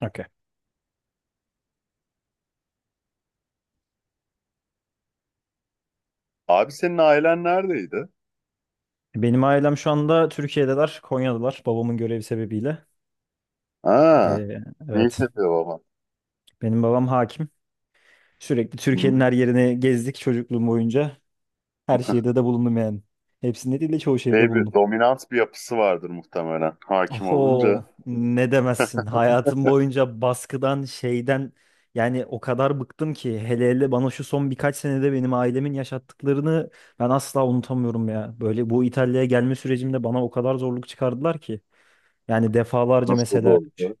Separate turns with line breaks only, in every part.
Okey.
Abi senin ailen neredeydi?
Benim ailem şu anda Türkiye'deler, Konya'dalar babamın görevi sebebiyle.
Ha,
Ee,
ne iş
evet,
yapıyor baba?
benim babam hakim. Sürekli Türkiye'nin
Hı.
her yerini gezdik çocukluğum boyunca. Her şehirde de bulundum yani. Hepsinde değil de çoğu şehirde bulundum.
Dominant bir yapısı vardır muhtemelen hakim olunca.
Oho, ne demezsin. Hayatım boyunca baskıdan, şeyden yani o kadar bıktım ki hele hele bana şu son birkaç senede benim ailemin yaşattıklarını ben asla unutamıyorum ya. Böyle bu İtalya'ya gelme sürecimde bana o kadar zorluk çıkardılar ki. Yani defalarca
Nasıl da
mesela
oldu?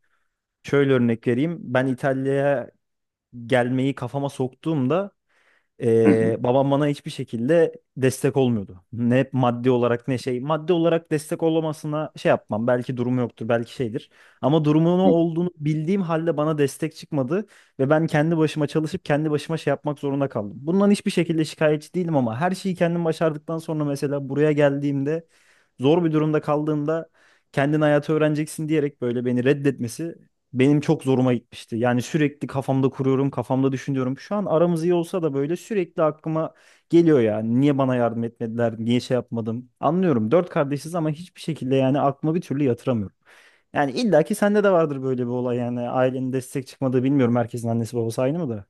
şöyle örnek vereyim. Ben İtalya'ya gelmeyi kafama soktuğumda
Hı hı.
babam bana hiçbir şekilde destek olmuyordu. Ne maddi olarak ne şey. Maddi olarak destek olmasına şey yapmam. Belki durumu yoktur, belki şeydir. Ama durumunu
Hı.
olduğunu bildiğim halde bana destek çıkmadı. Ve ben kendi başıma çalışıp kendi başıma şey yapmak zorunda kaldım. Bundan hiçbir şekilde şikayetçi değilim ama her şeyi kendim başardıktan sonra mesela buraya geldiğimde zor bir durumda kaldığımda kendin hayatı öğreneceksin diyerek böyle beni reddetmesi benim çok zoruma gitmişti. Yani sürekli kafamda kuruyorum, kafamda düşünüyorum. Şu an aramız iyi olsa da böyle sürekli aklıma geliyor yani. Niye bana yardım etmediler, niye şey yapmadım. Anlıyorum. Dört kardeşiz ama hiçbir şekilde yani aklıma bir türlü yatıramıyorum. Yani illa ki sende de vardır böyle bir olay yani. Ailenin destek çıkmadığı bilmiyorum. Herkesin annesi babası aynı mı da?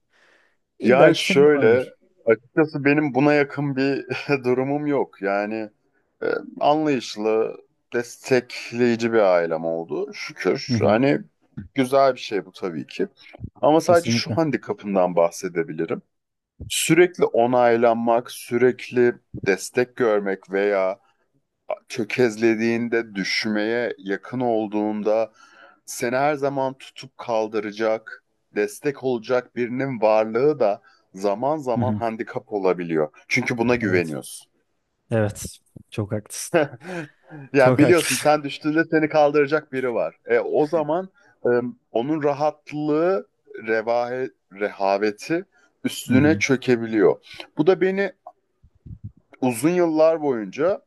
İlla
Yani
ki senin de
şöyle,
vardır.
açıkçası benim buna yakın bir durumum yok. Yani e, anlayışlı, destekleyici bir ailem oldu
Hı
şükür.
hı.
Hani güzel bir şey bu tabii ki. Ama sadece şu
Kesinlikle.
handikapından bahsedebilirim. Sürekli onaylanmak, sürekli destek görmek veya çökezlediğinde, düşmeye yakın olduğunda seni her zaman tutup kaldıracak, destek olacak birinin varlığı da zaman
Hı
zaman
hı.
handikap olabiliyor. Çünkü buna
Evet.
güveniyorsun.
Evet. Çok haklısın.
Yani
Çok
biliyorsun
haklısın.
sen düştüğünde seni kaldıracak biri var. O zaman e, onun rahatlığı, revahe, rehaveti
Hı
üstüne
hı.
çökebiliyor. Bu da beni uzun yıllar boyunca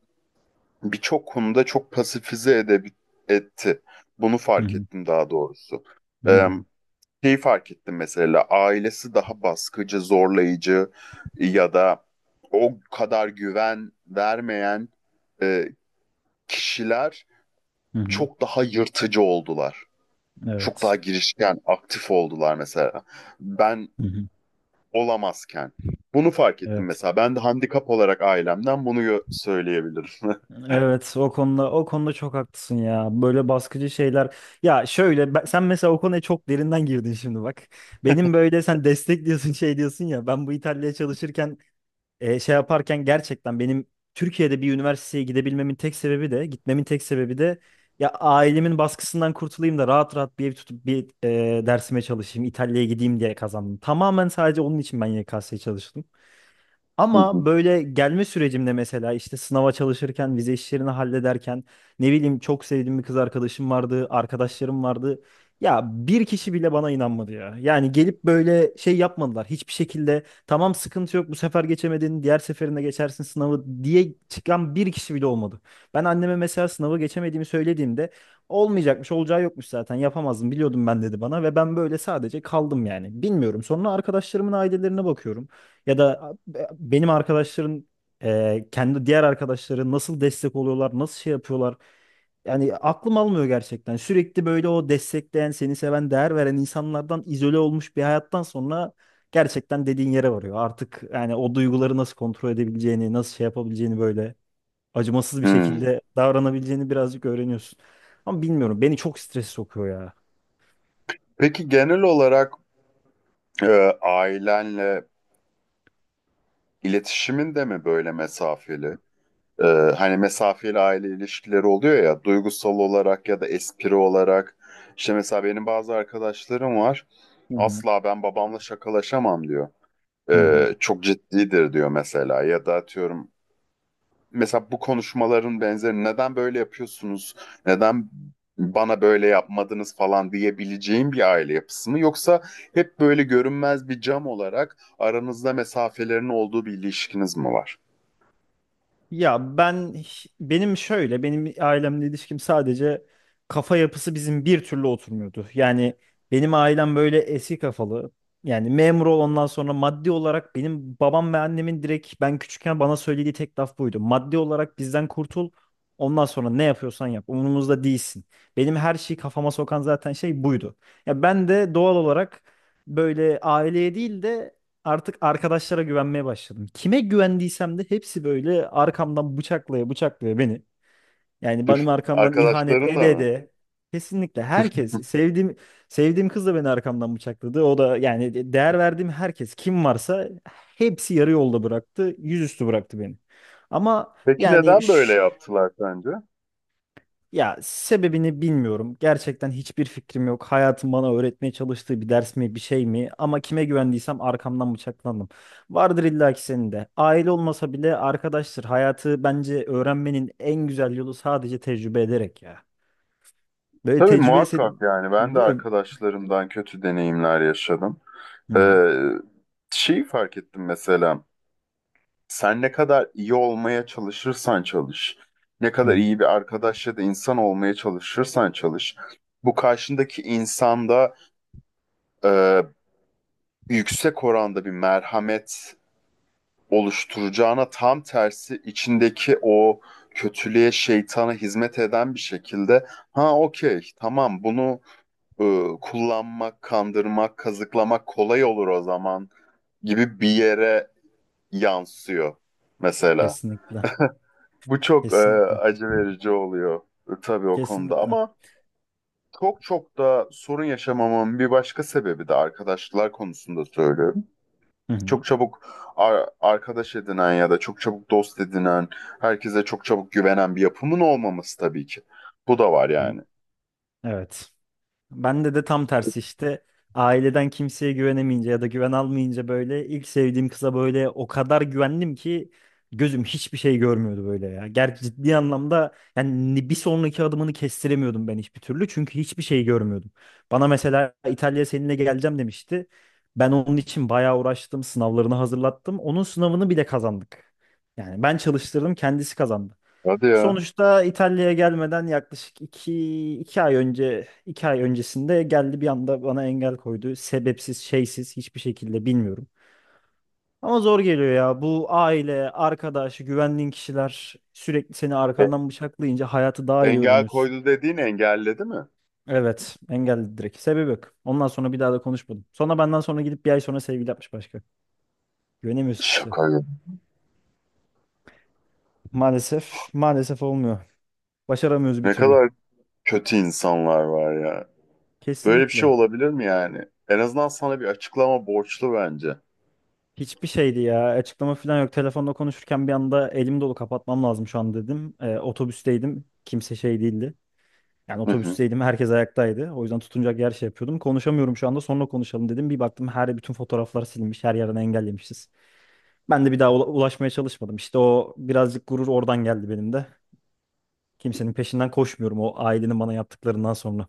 birçok konuda çok pasifize edebi etti. Bunu
Hı
fark
hı.
ettim daha doğrusu.
Hı
Ee,
hı.
Şeyi fark ettim mesela ailesi daha baskıcı, zorlayıcı ya da o kadar güven vermeyen e, kişiler
Hı hı.
çok daha yırtıcı oldular. Çok daha
Evet.
girişken, aktif oldular mesela. Ben
Hı hı.
olamazken. Bunu fark ettim
Evet.
mesela. Ben de handikap olarak ailemden bunu söyleyebilirim.
Evet, o konuda o konuda çok haklısın ya. Böyle baskıcı şeyler. Ya şöyle sen mesela o konuya çok derinden girdin şimdi bak. Benim böyle sen destek diyorsun şey diyorsun ya. Ben bu İtalya'ya çalışırken şey yaparken gerçekten benim Türkiye'de bir üniversiteye gidebilmemin tek sebebi de gitmemin tek sebebi de ya ailemin baskısından kurtulayım da rahat rahat bir ev tutup bir dersime çalışayım İtalya'ya gideyim diye kazandım. Tamamen sadece onun için ben YKS'ye çalıştım.
Hı hı.
Ama böyle gelme sürecimde mesela işte sınava çalışırken, vize işlerini hallederken ne bileyim çok sevdiğim bir kız arkadaşım vardı, arkadaşlarım vardı. Ya bir kişi bile bana inanmadı ya. Yani gelip böyle şey yapmadılar. Hiçbir şekilde tamam sıkıntı yok bu sefer geçemedin, diğer seferinde geçersin sınavı diye çıkan bir kişi bile olmadı. Ben anneme mesela sınavı geçemediğimi söylediğimde olmayacakmış, olacağı yokmuş zaten yapamazdım biliyordum ben dedi bana ve ben böyle sadece kaldım yani. Bilmiyorum. Sonra arkadaşlarımın ailelerine bakıyorum. Ya da benim arkadaşların kendi diğer arkadaşları nasıl destek oluyorlar, nasıl şey yapıyorlar. Yani aklım almıyor gerçekten. Sürekli böyle o destekleyen, seni seven, değer veren insanlardan izole olmuş bir hayattan sonra gerçekten dediğin yere varıyor. Artık yani o duyguları nasıl kontrol edebileceğini, nasıl şey yapabileceğini böyle acımasız bir
Hmm.
şekilde davranabileceğini birazcık öğreniyorsun. Ama bilmiyorum beni çok strese sokuyor ya.
Peki genel olarak e, ailenle iletişimin de mi böyle mesafeli? E, hani mesafeli aile ilişkileri oluyor ya duygusal olarak ya da espri olarak. İşte mesela benim bazı arkadaşlarım var.
Hı hı.
Asla ben babamla şakalaşamam diyor.
Hı hı.
E, çok ciddidir diyor mesela ya da atıyorum mesela bu konuşmaların benzeri neden böyle yapıyorsunuz? Neden bana böyle yapmadınız falan diyebileceğim bir aile yapısı mı? Yoksa hep böyle görünmez bir cam olarak aranızda mesafelerin olduğu bir ilişkiniz mi var?
Ya ben benim şöyle benim ailemle ilişkim sadece kafa yapısı bizim bir türlü oturmuyordu. Yani benim ailem böyle eski kafalı. Yani memur ol ondan sonra maddi olarak benim babam ve annemin direkt ben küçükken bana söylediği tek laf buydu. Maddi olarak bizden kurtul. Ondan sonra ne yapıyorsan yap. Umurumuzda değilsin. Benim her şeyi kafama sokan zaten şey buydu. Ya ben de doğal olarak böyle aileye değil de artık arkadaşlara güvenmeye başladım. Kime güvendiysem de hepsi böyle arkamdan bıçaklaya bıçaklaya beni. Yani benim arkamdan ihanet
Arkadaşların da
ede
mı?
ede. Kesinlikle herkes sevdiğim kız da beni arkamdan bıçakladı. O da yani değer verdiğim herkes kim varsa hepsi yarı yolda bıraktı. Yüzüstü bıraktı beni. Ama
Peki
yani
neden böyle yaptılar sence?
ya sebebini bilmiyorum. Gerçekten hiçbir fikrim yok. Hayatım bana öğretmeye çalıştığı bir ders mi, bir şey mi? Ama kime güvendiysem arkamdan bıçaklandım. Vardır illaki senin de. Aile olmasa bile arkadaştır. Hayatı bence öğrenmenin en güzel yolu sadece tecrübe ederek ya. Böyle
Tabii
tecrübesi
muhakkak yani ben de
değil mi?
arkadaşlarımdan kötü deneyimler yaşadım.
Hı hı.
Ee, Şeyi fark ettim mesela. Sen ne kadar iyi olmaya çalışırsan çalış, ne
Hı
kadar
hı.
iyi bir arkadaş ya da insan olmaya çalışırsan çalış, bu karşındaki insanda e, yüksek oranda bir merhamet oluşturacağına tam tersi içindeki o kötülüğe, şeytana hizmet eden bir şekilde ha okey tamam bunu e, kullanmak, kandırmak, kazıklamak kolay olur o zaman gibi bir yere yansıyor mesela.
Kesinlikle.
Bu çok
Kesinlikle.
acı verici oluyor, tabii o konuda
Kesinlikle.
ama çok çok da sorun yaşamamamın bir başka sebebi de arkadaşlar konusunda söylüyorum.
Hı hı.
Çok çabuk arkadaş edinen ya da çok çabuk dost edinen, herkese çok çabuk güvenen bir yapımın olmaması tabii ki. Bu da var
Hı hı.
yani.
Evet. Bende de tam tersi işte. Aileden kimseye güvenemeyince ya da güven almayınca böyle ilk sevdiğim kıza böyle o kadar güvendim ki gözüm hiçbir şey görmüyordu böyle ya. Gerçi ciddi anlamda yani bir sonraki adımını kestiremiyordum ben hiçbir türlü çünkü hiçbir şey görmüyordum. Bana mesela İtalya seninle geleceğim demişti. Ben onun için bayağı uğraştım, sınavlarını hazırlattım. Onun sınavını bile kazandık. Yani ben çalıştırdım, kendisi kazandı.
Hadi ya.
Sonuçta İtalya'ya gelmeden yaklaşık iki ay önce iki ay öncesinde geldi bir anda bana engel koydu. Sebepsiz, şeysiz hiçbir şekilde bilmiyorum. Ama zor geliyor ya. Bu aile, arkadaş, güvendiğin kişiler sürekli seni
E,
arkandan bıçaklayınca hayatı daha iyi
engel
öğreniyorsun.
koydu dediğin engelledi mi?
Evet, engelledi direkt. Sebebi yok. Ondan sonra bir daha da konuşmadım. Sonra benden sonra gidip bir ay sonra sevgili yapmış başka. Güvenemiyoruz kimse.
Şaka gibi.
Maalesef, olmuyor. Başaramıyoruz bir
Ne
türlü.
kadar kötü insanlar var ya. Böyle bir şey
Kesinlikle.
olabilir mi yani? En azından sana bir açıklama borçlu bence.
Hiçbir şeydi ya. Açıklama falan yok. Telefonda konuşurken bir anda elim dolu kapatmam lazım şu an dedim. Otobüsteydim. Kimse şey değildi. Yani
Hı
otobüsteydim. Herkes ayaktaydı. O yüzden tutunacak yer şey yapıyordum. Konuşamıyorum şu anda. Sonra konuşalım dedim. Bir baktım her bütün fotoğraflar silinmiş. Her yerden engellemişiz. Ben de bir daha ulaşmaya çalışmadım. İşte o birazcık gurur oradan geldi benim de. Kimsenin peşinden koşmuyorum o ailenin bana yaptıklarından sonra.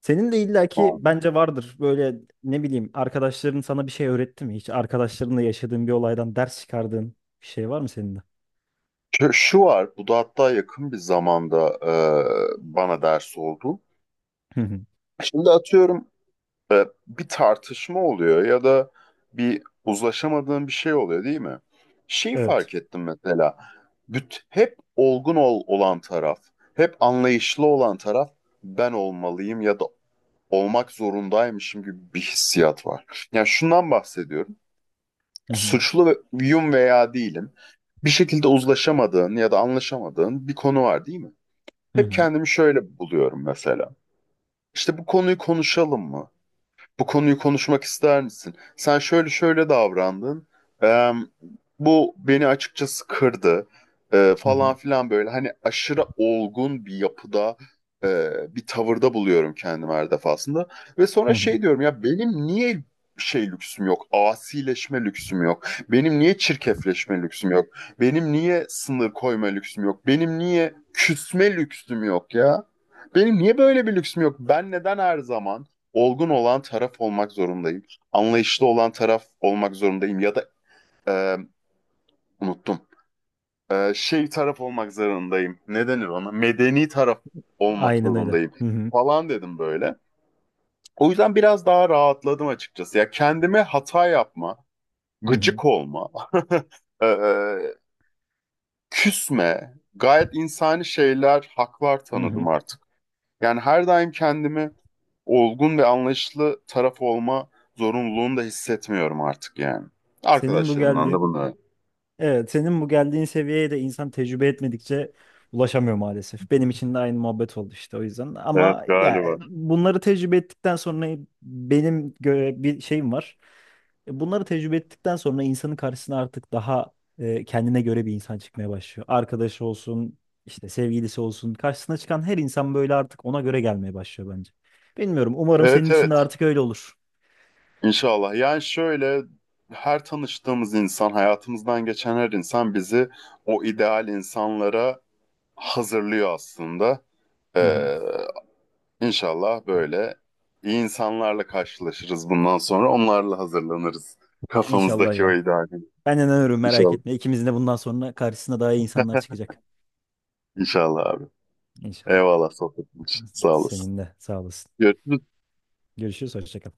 Senin de illaki
hı.
bence vardır böyle ne bileyim arkadaşların sana bir şey öğretti mi? Hiç arkadaşlarınla yaşadığın bir olaydan ders çıkardığın bir şey var mı senin de?
Şu, şu var, bu da hatta yakın bir zamanda bana ders oldu.
Hı hı.
Şimdi atıyorum bir tartışma oluyor ya da bir uzlaşamadığın bir şey oluyor değil mi? Şey
Evet.
fark ettim mesela, hep olan taraf, hep anlayışlı olan taraf ben olmalıyım ya da olmak zorundaymışım gibi bir hissiyat var. Yani şundan bahsediyorum
Hı hı.
suçlu ve- yum veya değilim. Bir şekilde uzlaşamadığın ya da anlaşamadığın bir konu var değil mi?
Hı
Hep
hı.
kendimi şöyle buluyorum mesela. İşte bu konuyu konuşalım mı? Bu konuyu konuşmak ister misin? Sen şöyle şöyle davrandın. Eee, Bu beni açıkçası kırdı.
Hı
Falan
hı.
filan böyle. Hani aşırı olgun bir yapıda, bir tavırda buluyorum kendimi her defasında. Ve
Hı
sonra
hı.
şey diyorum ya benim niye şey lüksüm yok? Asileşme lüksüm yok. Benim niye çirkefleşme lüksüm yok? Benim niye sınır koyma lüksüm yok? Benim niye küsme lüksüm yok ya? Benim niye böyle bir lüksüm yok? Ben neden her zaman olgun olan taraf olmak zorundayım. Anlayışlı olan taraf olmak zorundayım ya da e, unuttum. Şey taraf olmak zorundayım. Ne denir ona? Medeni taraf olmak
Aynen öyle.
zorundayım
Hı hı.
falan dedim böyle. O yüzden biraz daha rahatladım açıkçası. Ya kendime hata yapma,
Hı hı.
gıcık olma, e, küsme, gayet insani şeyler, haklar
Hı
tanıdım
hı.
artık. Yani her daim kendimi olgun ve anlayışlı taraf olma zorunluluğunu da hissetmiyorum artık yani.
Senin bu
Arkadaşlarımdan da
geldiğin
bunu.
Evet, senin bu geldiğin seviyeye de insan tecrübe etmedikçe ulaşamıyor maalesef. Benim için de aynı muhabbet oldu işte o yüzden.
Evet
Ama ya
galiba.
bunları tecrübe ettikten sonra benim gö- bir şeyim var. E, bunları tecrübe ettikten sonra insanın karşısına artık daha kendine göre bir insan çıkmaya başlıyor. Arkadaşı olsun, işte sevgilisi olsun. Karşısına çıkan her insan böyle artık ona göre gelmeye başlıyor bence. Bilmiyorum. Umarım senin
Evet
için
evet
de artık öyle olur.
inşallah. Yani şöyle her tanıştığımız insan, hayatımızdan geçen her insan bizi o ideal insanlara hazırlıyor aslında.
Hı hı.
Ee, inşallah böyle iyi insanlarla karşılaşırız bundan sonra. Onlarla hazırlanırız.
İnşallah
Kafamızdaki o
ya.
ideali.
Ben inanıyorum merak
İnşallah.
etme. İkimizin de bundan sonra karşısına daha iyi insanlar çıkacak.
İnşallah abi.
İnşallah.
Eyvallah sohbetin için. Sağ olasın.
Senin de sağ olasın.
Görüşürüz.
Görüşürüz. Hoşça kal.